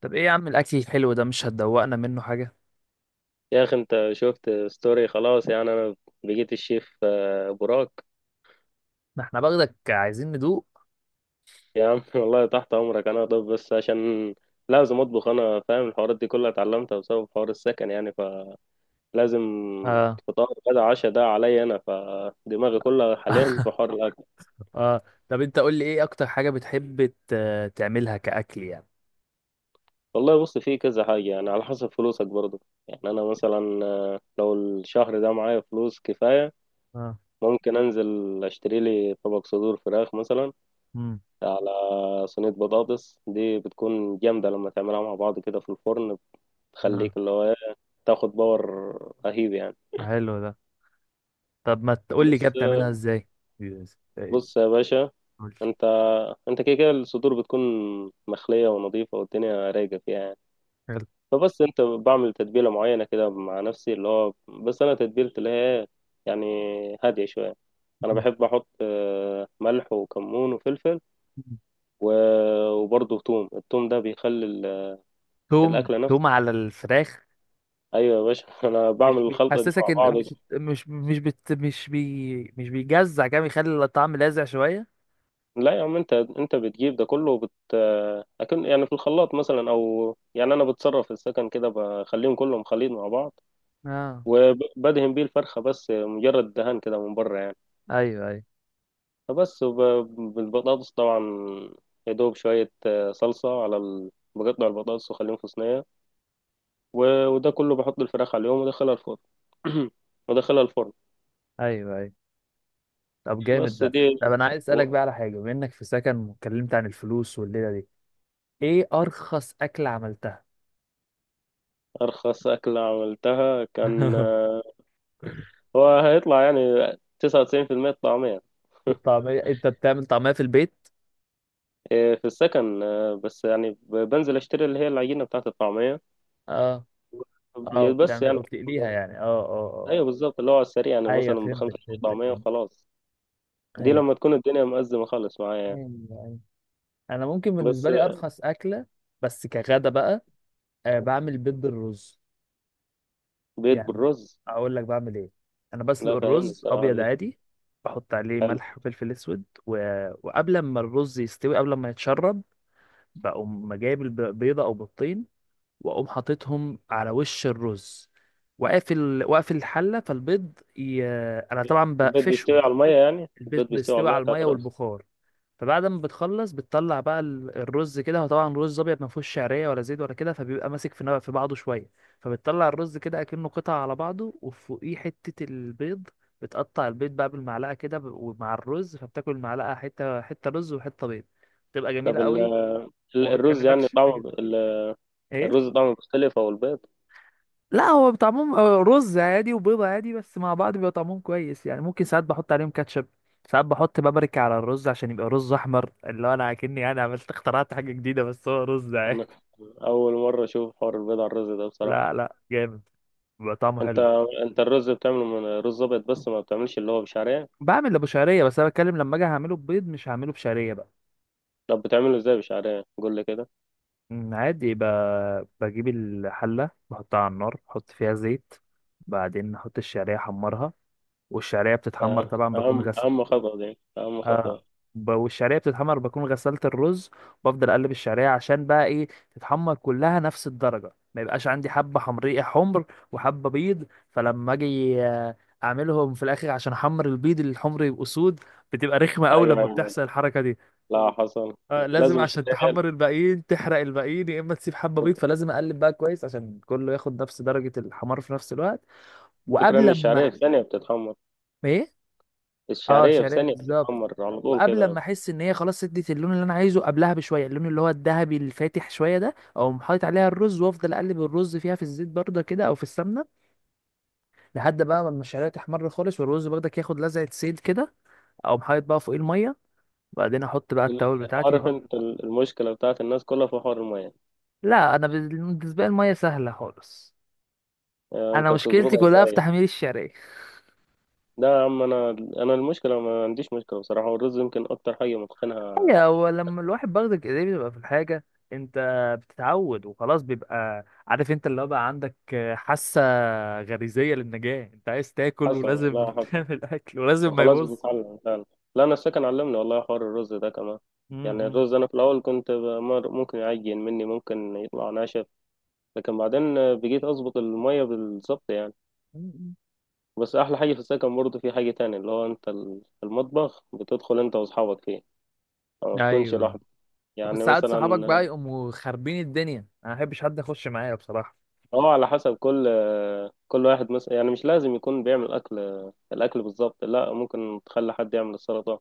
طب ايه يا عم الاكل الحلو ده، مش هتدوقنا منه حاجه؟ يا اخي، انت شفت ستوري خلاص. يعني انا بقيت الشيف براك. ده احنا باخدك، عايزين ندوق. يا عم والله تحت امرك انا. طب بس عشان لازم اطبخ، انا فاهم الحوارات دي كلها اتعلمتها بسبب حوار السكن يعني، فلازم اه. فطار غدا عشاء ده عليا انا. فدماغي كلها حاليا في حوار الاكل. اه. طب انت قول لي، ايه اكتر حاجه بتحب تعملها كاكل يعني؟ والله بص، في كذا حاجه يعني، على حسب فلوسك برضه. يعني انا مثلا لو الشهر ده معايا فلوس كفايه اه. ممكن انزل اشتري لي طبق صدور فراخ مثلا امم على صينية بطاطس. دي بتكون جامدة لما تعملها مع بعض كده في الفرن، اه. بتخليك اللي هو تاخد باور رهيب يعني. حلو ده. طب ما تقول لي كده، بص بتعملها ازاي؟ يس. بص يا باشا. قول لي. انت انت كده كده الصدور بتكون مخلية ونظيفة والدنيا رايقة فيها يعني. حلو. فبس انت بعمل تتبيلة معينة كده مع نفسي، اللي هو بس انا تتبيلتي اللي هي يعني هادية شوية. انا مم. بحب احط ملح وكمون وفلفل مم. و- وبرضه ثوم. الثوم ده بيخلي توم الاكله نفسها. توم على الفراخ. ايوه يا باشا انا بعمل مش الخلطه دي بيحسسك مع ان بعض. مش مش مش بت مش بي مش بيجزع، كده بيخلي الطعم لاذع شويه؟ لا يا عم، انت بتجيب ده كله اكن يعني في الخلاط مثلا، او يعني انا بتصرف في السكن كده بخليهم كلهم خليط مع بعض، اه. وبدهن بيه الفرخه بس مجرد دهان كده من بره يعني. ايوه، ايوه، فبس وب- بالبطاطس طبعا. يا دوب شويه صلصه على بقطع البطاطس واخليهم في صينيه وده كله بحط الفراخ عليهم وادخلها الفرن وادخلها الفرن. ايوه، ايوه. طب بس جامد ده. دي طب انا عايز اسالك و- بقى على حاجه، بما انك في سكن واتكلمت عن الفلوس والليله دي، ايه ارخص اكله عملتها؟ ارخص اكله عملتها كان هو هيطلع يعني 99% الطعمية الطعميه؟ انت بتعمل طعميه في البيت؟ في السكن بس يعني بنزل اشتري اللي هي العجينة بتاعة الطعمية. اه. اه، يا بس بتعمل يعني وبتقليها يعني؟ اه، اه. ايوه بالظبط، اللي هو على السريع اه، يعني، ايوه، مثلا فهمتك بخمسة جنيه فهمتك طعمية فهمت. وخلاص. دي ايوه. لما تكون الدنيا مأزمة خالص معايا يعني. ايوه، ايوه. انا ممكن بس بالنسبه لي ارخص اكله، بس كغدا بقى، آه، بعمل بيض بالرز. بيض يعني بالرز. اقول لك بعمل ايه. انا بسلق لا، فاهمني الرز بصراحة ابيض دي عادي. بحط عليه حلو. ملح وفلفل اسود وقبل ما الرز يستوي، قبل ما يتشرب، بقوم جايب بيضه او بيضتين، واقوم حاططهم على وش الرز، واقفل الحله، فالبيض انا طبعا البيض بيستوي بقفشهم. على المية، يعني البيض البيض بيستوي على بيستوي المية على بتاعة المية الرز. والبخار. فبعد ما بتخلص، بتطلع بقى الرز كده. هو طبعا رز ابيض، ما فيهوش شعريه ولا زيت ولا كده، فبيبقى ماسك في في بعضه شويه. فبتطلع الرز كده اكنه قطع على بعضه وفوقيه حته البيض. بتقطع البيض بقى بالمعلقه كده، ومع الرز، فبتاكل المعلقه حته حته، رز وحته بيض. بتبقى جميله طب قوي، وما الرز يعني بتكلفكش طعمه حاجه. ايه. الرز طعمه مختلف أو البيض. لا، هو طعمهم رز عادي وبيضة عادي، بس مع بعض بيبقى طعمهم كويس يعني. ممكن ساعات بحط عليهم كاتشب، ساعات بحط بابريكا على الرز عشان يبقى رز احمر، اللي هو انا كأني انا اخترعت حاجة جديدة، بس هو رز أنا عادي. أول مرة أشوف حوار البيض على الرز ده بصراحة. لا، لا، جامد، بيبقى طعمه انت حلو. انت الرز بتعمله من رز ابيض بس، ما بتعملش اللي هو بشعريه. بعمل ابو شعرية، بس انا بتكلم لما اجي هعمله ببيض، مش هعمله بشعرية بقى. طب بتعمله ازاي بشعريه، قول لي كده. عادي بجيب الحلة بحطها على النار، بحط فيها زيت، بعدين احط الشعرية احمرها، والشعرية بتتحمر اه، طبعا، اهم بكون غسل. اهم خطوه، دي اهم خطوه. اه، والشعريه بتتحمر، بكون غسلت الرز، وبفضل اقلب الشعريه عشان بقى ايه تتحمر كلها نفس الدرجه، ما يبقاش عندي حبه حمريه حمر وحبه بيض. فلما اجي اعملهم في الاخر، عشان احمر البيض الحمر يبقوا سود، بتبقى رخمه قوي لما ايوه. بتحصل الحركه دي. لا حصل. آه، لازم، لازم عشان الشعريه. تحمر الباقيين تحرق الباقيين، يا اما تسيب حبه بيض، فلازم اقلب بقى كويس عشان كله ياخد نفس درجه الحمار في نفس الوقت. الفكره ان وقبل ما الشعريه في ثانيه بتتحمر. ايه. اه، الشعريه في شعريه ثانيه بالظبط. بتتحمر على طول وقبل كده. ما احس ان هي خلاص ادت اللون اللي انا عايزه، قبلها بشويه، اللون اللي هو الذهبي الفاتح شويه ده، اقوم حاطط عليها الرز وافضل اقلب الرز فيها في الزيت برده كده، او في السمنه، لحد بقى ما الشعريه تحمر خالص، والرز برضك ياخد لزعه زيت كده، اقوم حاطط بقى فوقيه الميه، وبعدين احط بقى ال- التوابل بتاعتي. عارف بحط. انت المشكله بتاعت الناس كلها في حوار الميه. لا انا بالنسبه لي الميه سهله خالص، اه، انا انت مشكلتي بتظبطها كلها في ازاي؟ تحمير الشعريه. ده يا عم انا المشكله ما عنديش مشكله بصراحه، والرز يمكن اكتر حاجه متقنها. هو لما الواحد باخدك ايديه بيبقى في الحاجة، انت بتتعود وخلاص، بيبقى عارف انت اللي هو بقى، عندك حاسة غريزية للنجاة، انت عايز تاكل حصل. ولازم لا حصل. تعمل اكل ولازم ما وخلاص يبص. بتتعلم فعلا. لا انا السكن علمني والله، حوار الرز ده كمان. يعني امم. الرز انا في الاول كنت ممكن يعجن مني، ممكن يطلع ناشف. لكن بعدين بقيت اظبط المية بالظبط يعني. امم. بس احلى حاجة في السكن برضه في حاجة تانية، اللي هو انت في المطبخ بتدخل انت واصحابك فيه، ما بتكونش ايوه، لوحدك. بس يعني ساعات صحابك مثلا بقى يقوموا خاربين الدنيا، انا ما بحبش حد يخش معايا بصراحة. اه، على حسب كل كل واحد مثلا. يعني مش لازم يكون بيعمل اكل الاكل بالظبط. لا، ممكن تخلي حد يعمل السلطة،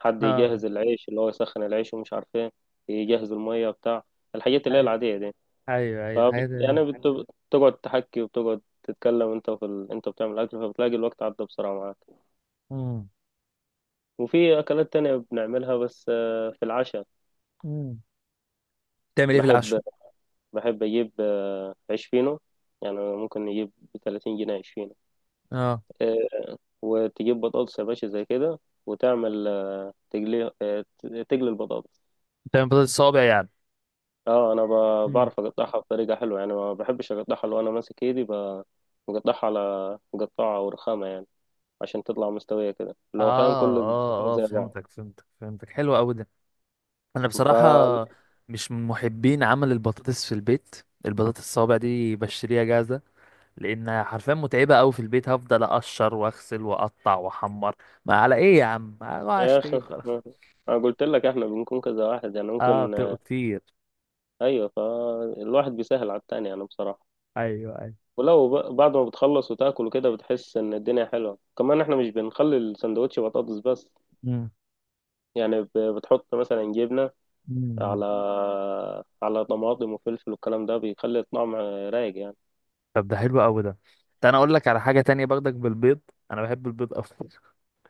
حد اه، يجهز العيش، اللي هو يسخن العيش ومش عارف ايه، يجهز المية بتاع الحاجات اللي هي ايوه، العادية دي. ايوه، ايوه، فبت... حاجات. يعني بت... بتقعد تحكي وبتقعد تتكلم انت في انت بتعمل اكل، فبتلاقي الوقت عدى بسرعة معاك. امم. وفي اكلات تانية بنعملها بس في العشاء. امم. تعمل ايه في بحب العشاء؟ بحب اجيب عيش فينو. يعني ممكن نجيب ب 30 جنيه عيش فينو. اه، آه، وتجيب بطاطس يا باشا زي كده، وتعمل تقلي البطاطس. تعمل بطاطس صوابع يعني؟ اه، انا امم. بعرف اقطعها بطريقه حلوه يعني. ما بحبش اقطعها لو انا ماسك ايدي بقطعها على مقطعه او رخامه يعني، عشان تطلع مستويه كده، اللي هو فاهم كل اه، الصفوف اه، اه، زي بعض. فهمتك فهمتك فهمتك. حلو قوي ده. انا ف بصراحه مش من محبين عمل البطاطس في البيت. البطاطس الصوابع دي بشتريها جاهزه، لان حرفيا متعبه قوي في البيت، هفضل اقشر واغسل واقطع واحمر. ما على ايه يا عم، أروح يا اخي اشتري خلاص. انا قلت لك احنا بنكون كذا واحد يعني، اه، ممكن. بتبقوا كتير. ايوه فالواحد بيسهل على التاني يعني بصراحه. ايوه، ايوه. ولو بعد ما بتخلص وتاكل وكده بتحس ان الدنيا حلوه. كمان احنا مش بنخلي السندوتش بطاطس بس، مم. يعني بتحط مثلا جبنه مم. على طماطم وفلفل، والكلام ده بيخلي الطعم رايق يعني. طب ده حلو قوي ده. ده انا اقول لك على حاجه تانية برضك بالبيض. انا بحب البيض اكتر.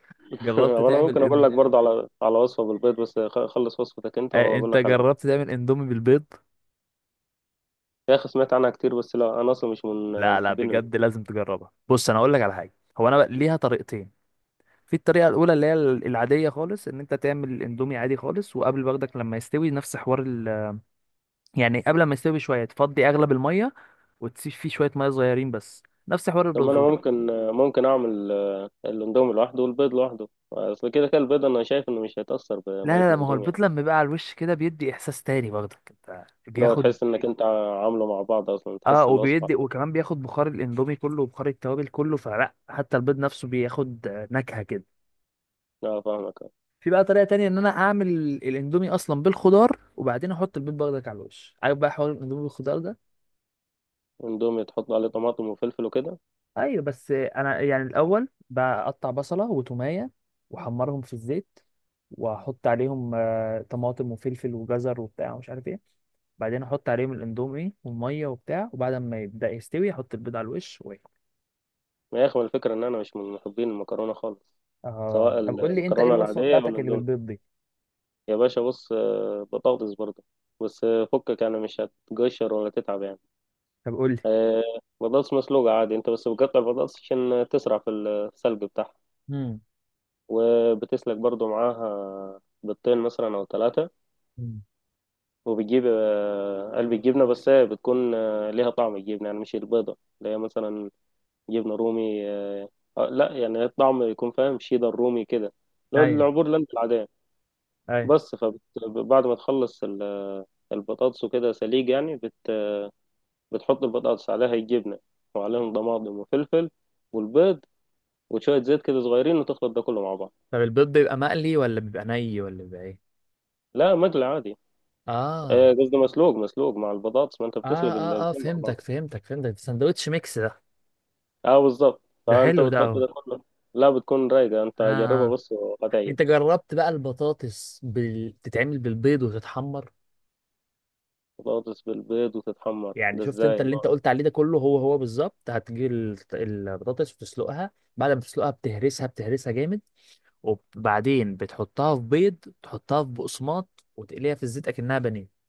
جربت وانا تعمل ممكن اقول لك برضه على وصفه بالبيض، بس خلص وصفتك انت آه، واقول انت لك على دي. جربت تعمل اندومي بالبيض؟ يا اخي سمعت عنها كتير بس لا، انا اصلا مش من لا، لا، محبين بجد البيض. لازم تجربها. بص انا اقول لك على حاجه، هو انا ليها طريقتين. في الطريقة الأولى اللي هي العادية خالص، إن أنت تعمل الأندومي عادي خالص، وقبل برضك لما يستوي نفس حوار يعني قبل ما يستوي بشوية، تفضي أغلب المية، وتسيب فيه شوية مية صغيرين بس، نفس حوار طب ما الرز انا ممكن اعمل الاندومي لوحده والبيض لوحده. اصل كده كده البيض انا شايف انه مش هيتاثر لا، بميه لا، لا، ما هو الاندومي البيض يعني. لما بيبقى على الوش كده بيدي إحساس تاني برضك، أنت لو بياخد. تحس انك انت عامله مع بعض اصلا اه، تحس الوصفه. وبيدي، وكمان بياخد بخار الأندومي كله وبخار التوابل كله، فلا حتى البيض نفسه بياخد نكهة كده. اه فاهمك أه. في بقى طريقة تانية إن أنا أعمل الأندومي أصلا بالخضار، وبعدين أحط البيض برضك على الوش، عارف بقى حوار الأندومي بالخضار ده؟ اندومي تحط عليه طماطم وفلفل وكده. ايوه، بس انا يعني الاول بقطع بصله وتوميه واحمرهم في الزيت، واحط عليهم طماطم وفلفل وجزر وبتاع ومش عارف ايه، بعدين احط عليهم الاندومي والميه وبتاع، وبعد ما يبدا يستوي احط البيض على الوش واكل. يا اخي ما يخمل الفكرة ان انا مش من محبين المكرونة خالص، اه، سواء طب قول لي انت ايه المكرونة الوصفه العادية او بتاعتك اللي الاندومي. بالبيض دي؟ يا باشا بص بطاطس برضه، بس فكك يعني، مش هتقشر ولا تتعب يعني. طب قول لي. آه، بطاطس مسلوقة عادي. انت بس بتقطع البطاطس عشان تسرع في السلق بتاعها، امم. وبتسلق برضه معاها بيضتين مثلا او ثلاثة. مم. وبتجيب قلب الجبنة، بس هي بتكون ليها طعم الجبنة يعني، مش البيضة اللي هي مثلا جبنة رومي لا يعني الطعم يكون فاهم شيدر رومي كده، لو ايوه، العبور اللي انت العادية. ايوه. بس فبعد ما تخلص البطاطس وكده سليج يعني، بتحط البطاطس عليها الجبنة، وعليهم طماطم وفلفل والبيض وشوية زيت كده صغيرين، وتخلط ده كله مع بعض. طب البيض بيبقى مقلي ولا بيبقى ني ولا بيبقى ايه؟ لا، مقلي عادي. اه، قصدي مسلوق مسلوق مع البطاطس، ما انت اه، بتسلق اه، اه، الاتنين مع فهمتك بعض. فهمتك فهمتك. ساندوتش ميكس ده. اه بالظبط. ده فانت حلو ده بتحط أوي. ده كله. لا بتكون رايقة، انت جربها اه، بص انت وهتعجبك. جربت بقى البطاطس تتعمل بالبيض وتتحمر؟ بطاطس بالبيض وتتحمر، يعني ده شفت انت ازاي؟ اللي انت قلت عليه ده كله، هو هو بالظبط، هتجيب البطاطس وتسلقها، بعد ما تسلقها بتهرسها بتهرسها جامد، وبعدين بتحطها في بيض، تحطها في بقسماط وتقليها في الزيت اكنها بانيه.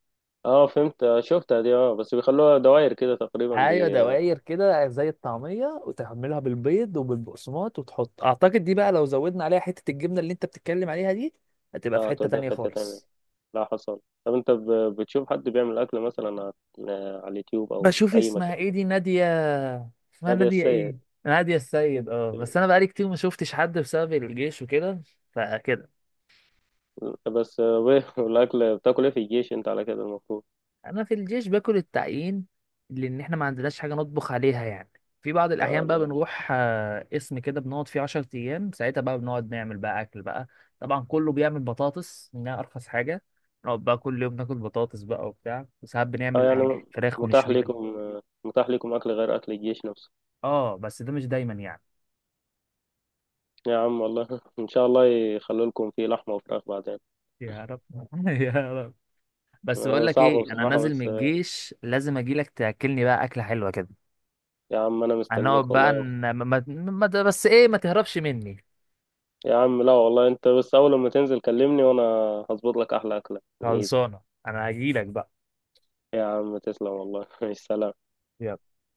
اه فهمت، شفتها دي اه، بس بيخلوها دوائر كده تقريبا ايوه، بي. دوائر كده زي الطعميه، وتعملها بالبيض وبالبقسماط، وتحط اعتقد دي بقى لو زودنا عليها حته الجبنه اللي انت بتتكلم عليها دي، هتبقى في اه حته توديها تانية في حتة تانية. خالص. لا حصل. طب انت بتشوف حد بيعمل اكل مثلا على على اليوتيوب او بشوف اي مكان؟ اسمها ايه دي، نادية. اسمها نادية نادية السيد. ايه؟ نادية السيد. اه، بس انا بقالي كتير ما شفتش حد بسبب الجيش وكده، فكده. بس وإيه؟ والاكل بتاكل ايه في الجيش انت، على كده المفروض؟ انا في الجيش باكل التعيين، لان احنا ما عندناش حاجة نطبخ عليها يعني. في بعض اه الاحيان بقى لا. بنروح قسم كده بنقعد فيه 10 ايام، ساعتها بقى بنقعد نعمل بقى اكل بقى. طبعا كله بيعمل بطاطس، انها ارخص حاجة، نقعد بقى كل يوم ناكل بطاطس بقى وبتاع، وساعات اه بنعمل يعني فراخ متاح ونشويها. لكم متاح لكم اكل غير اكل الجيش نفسه. اه، بس ده مش دايما يعني. يا عم والله ان شاء الله يخلوا لكم فيه لحمة وفراخ بعدين. يا رب. يا رب. بس بقول لك صعبة ايه، انا بصراحة نازل من بس الجيش لازم اجي لك تاكلني بقى اكله حلوه كده. يا عم انا هنقعد مستنيك بقى والله. بس ايه، ما تهربش مني. يا عم لا والله، انت بس اول ما تنزل كلمني، وانا هظبط لك احلى اكله من ايدي. خلصانه. انا هجي لك بقى. يا عم تسلم والله سلام. يلا.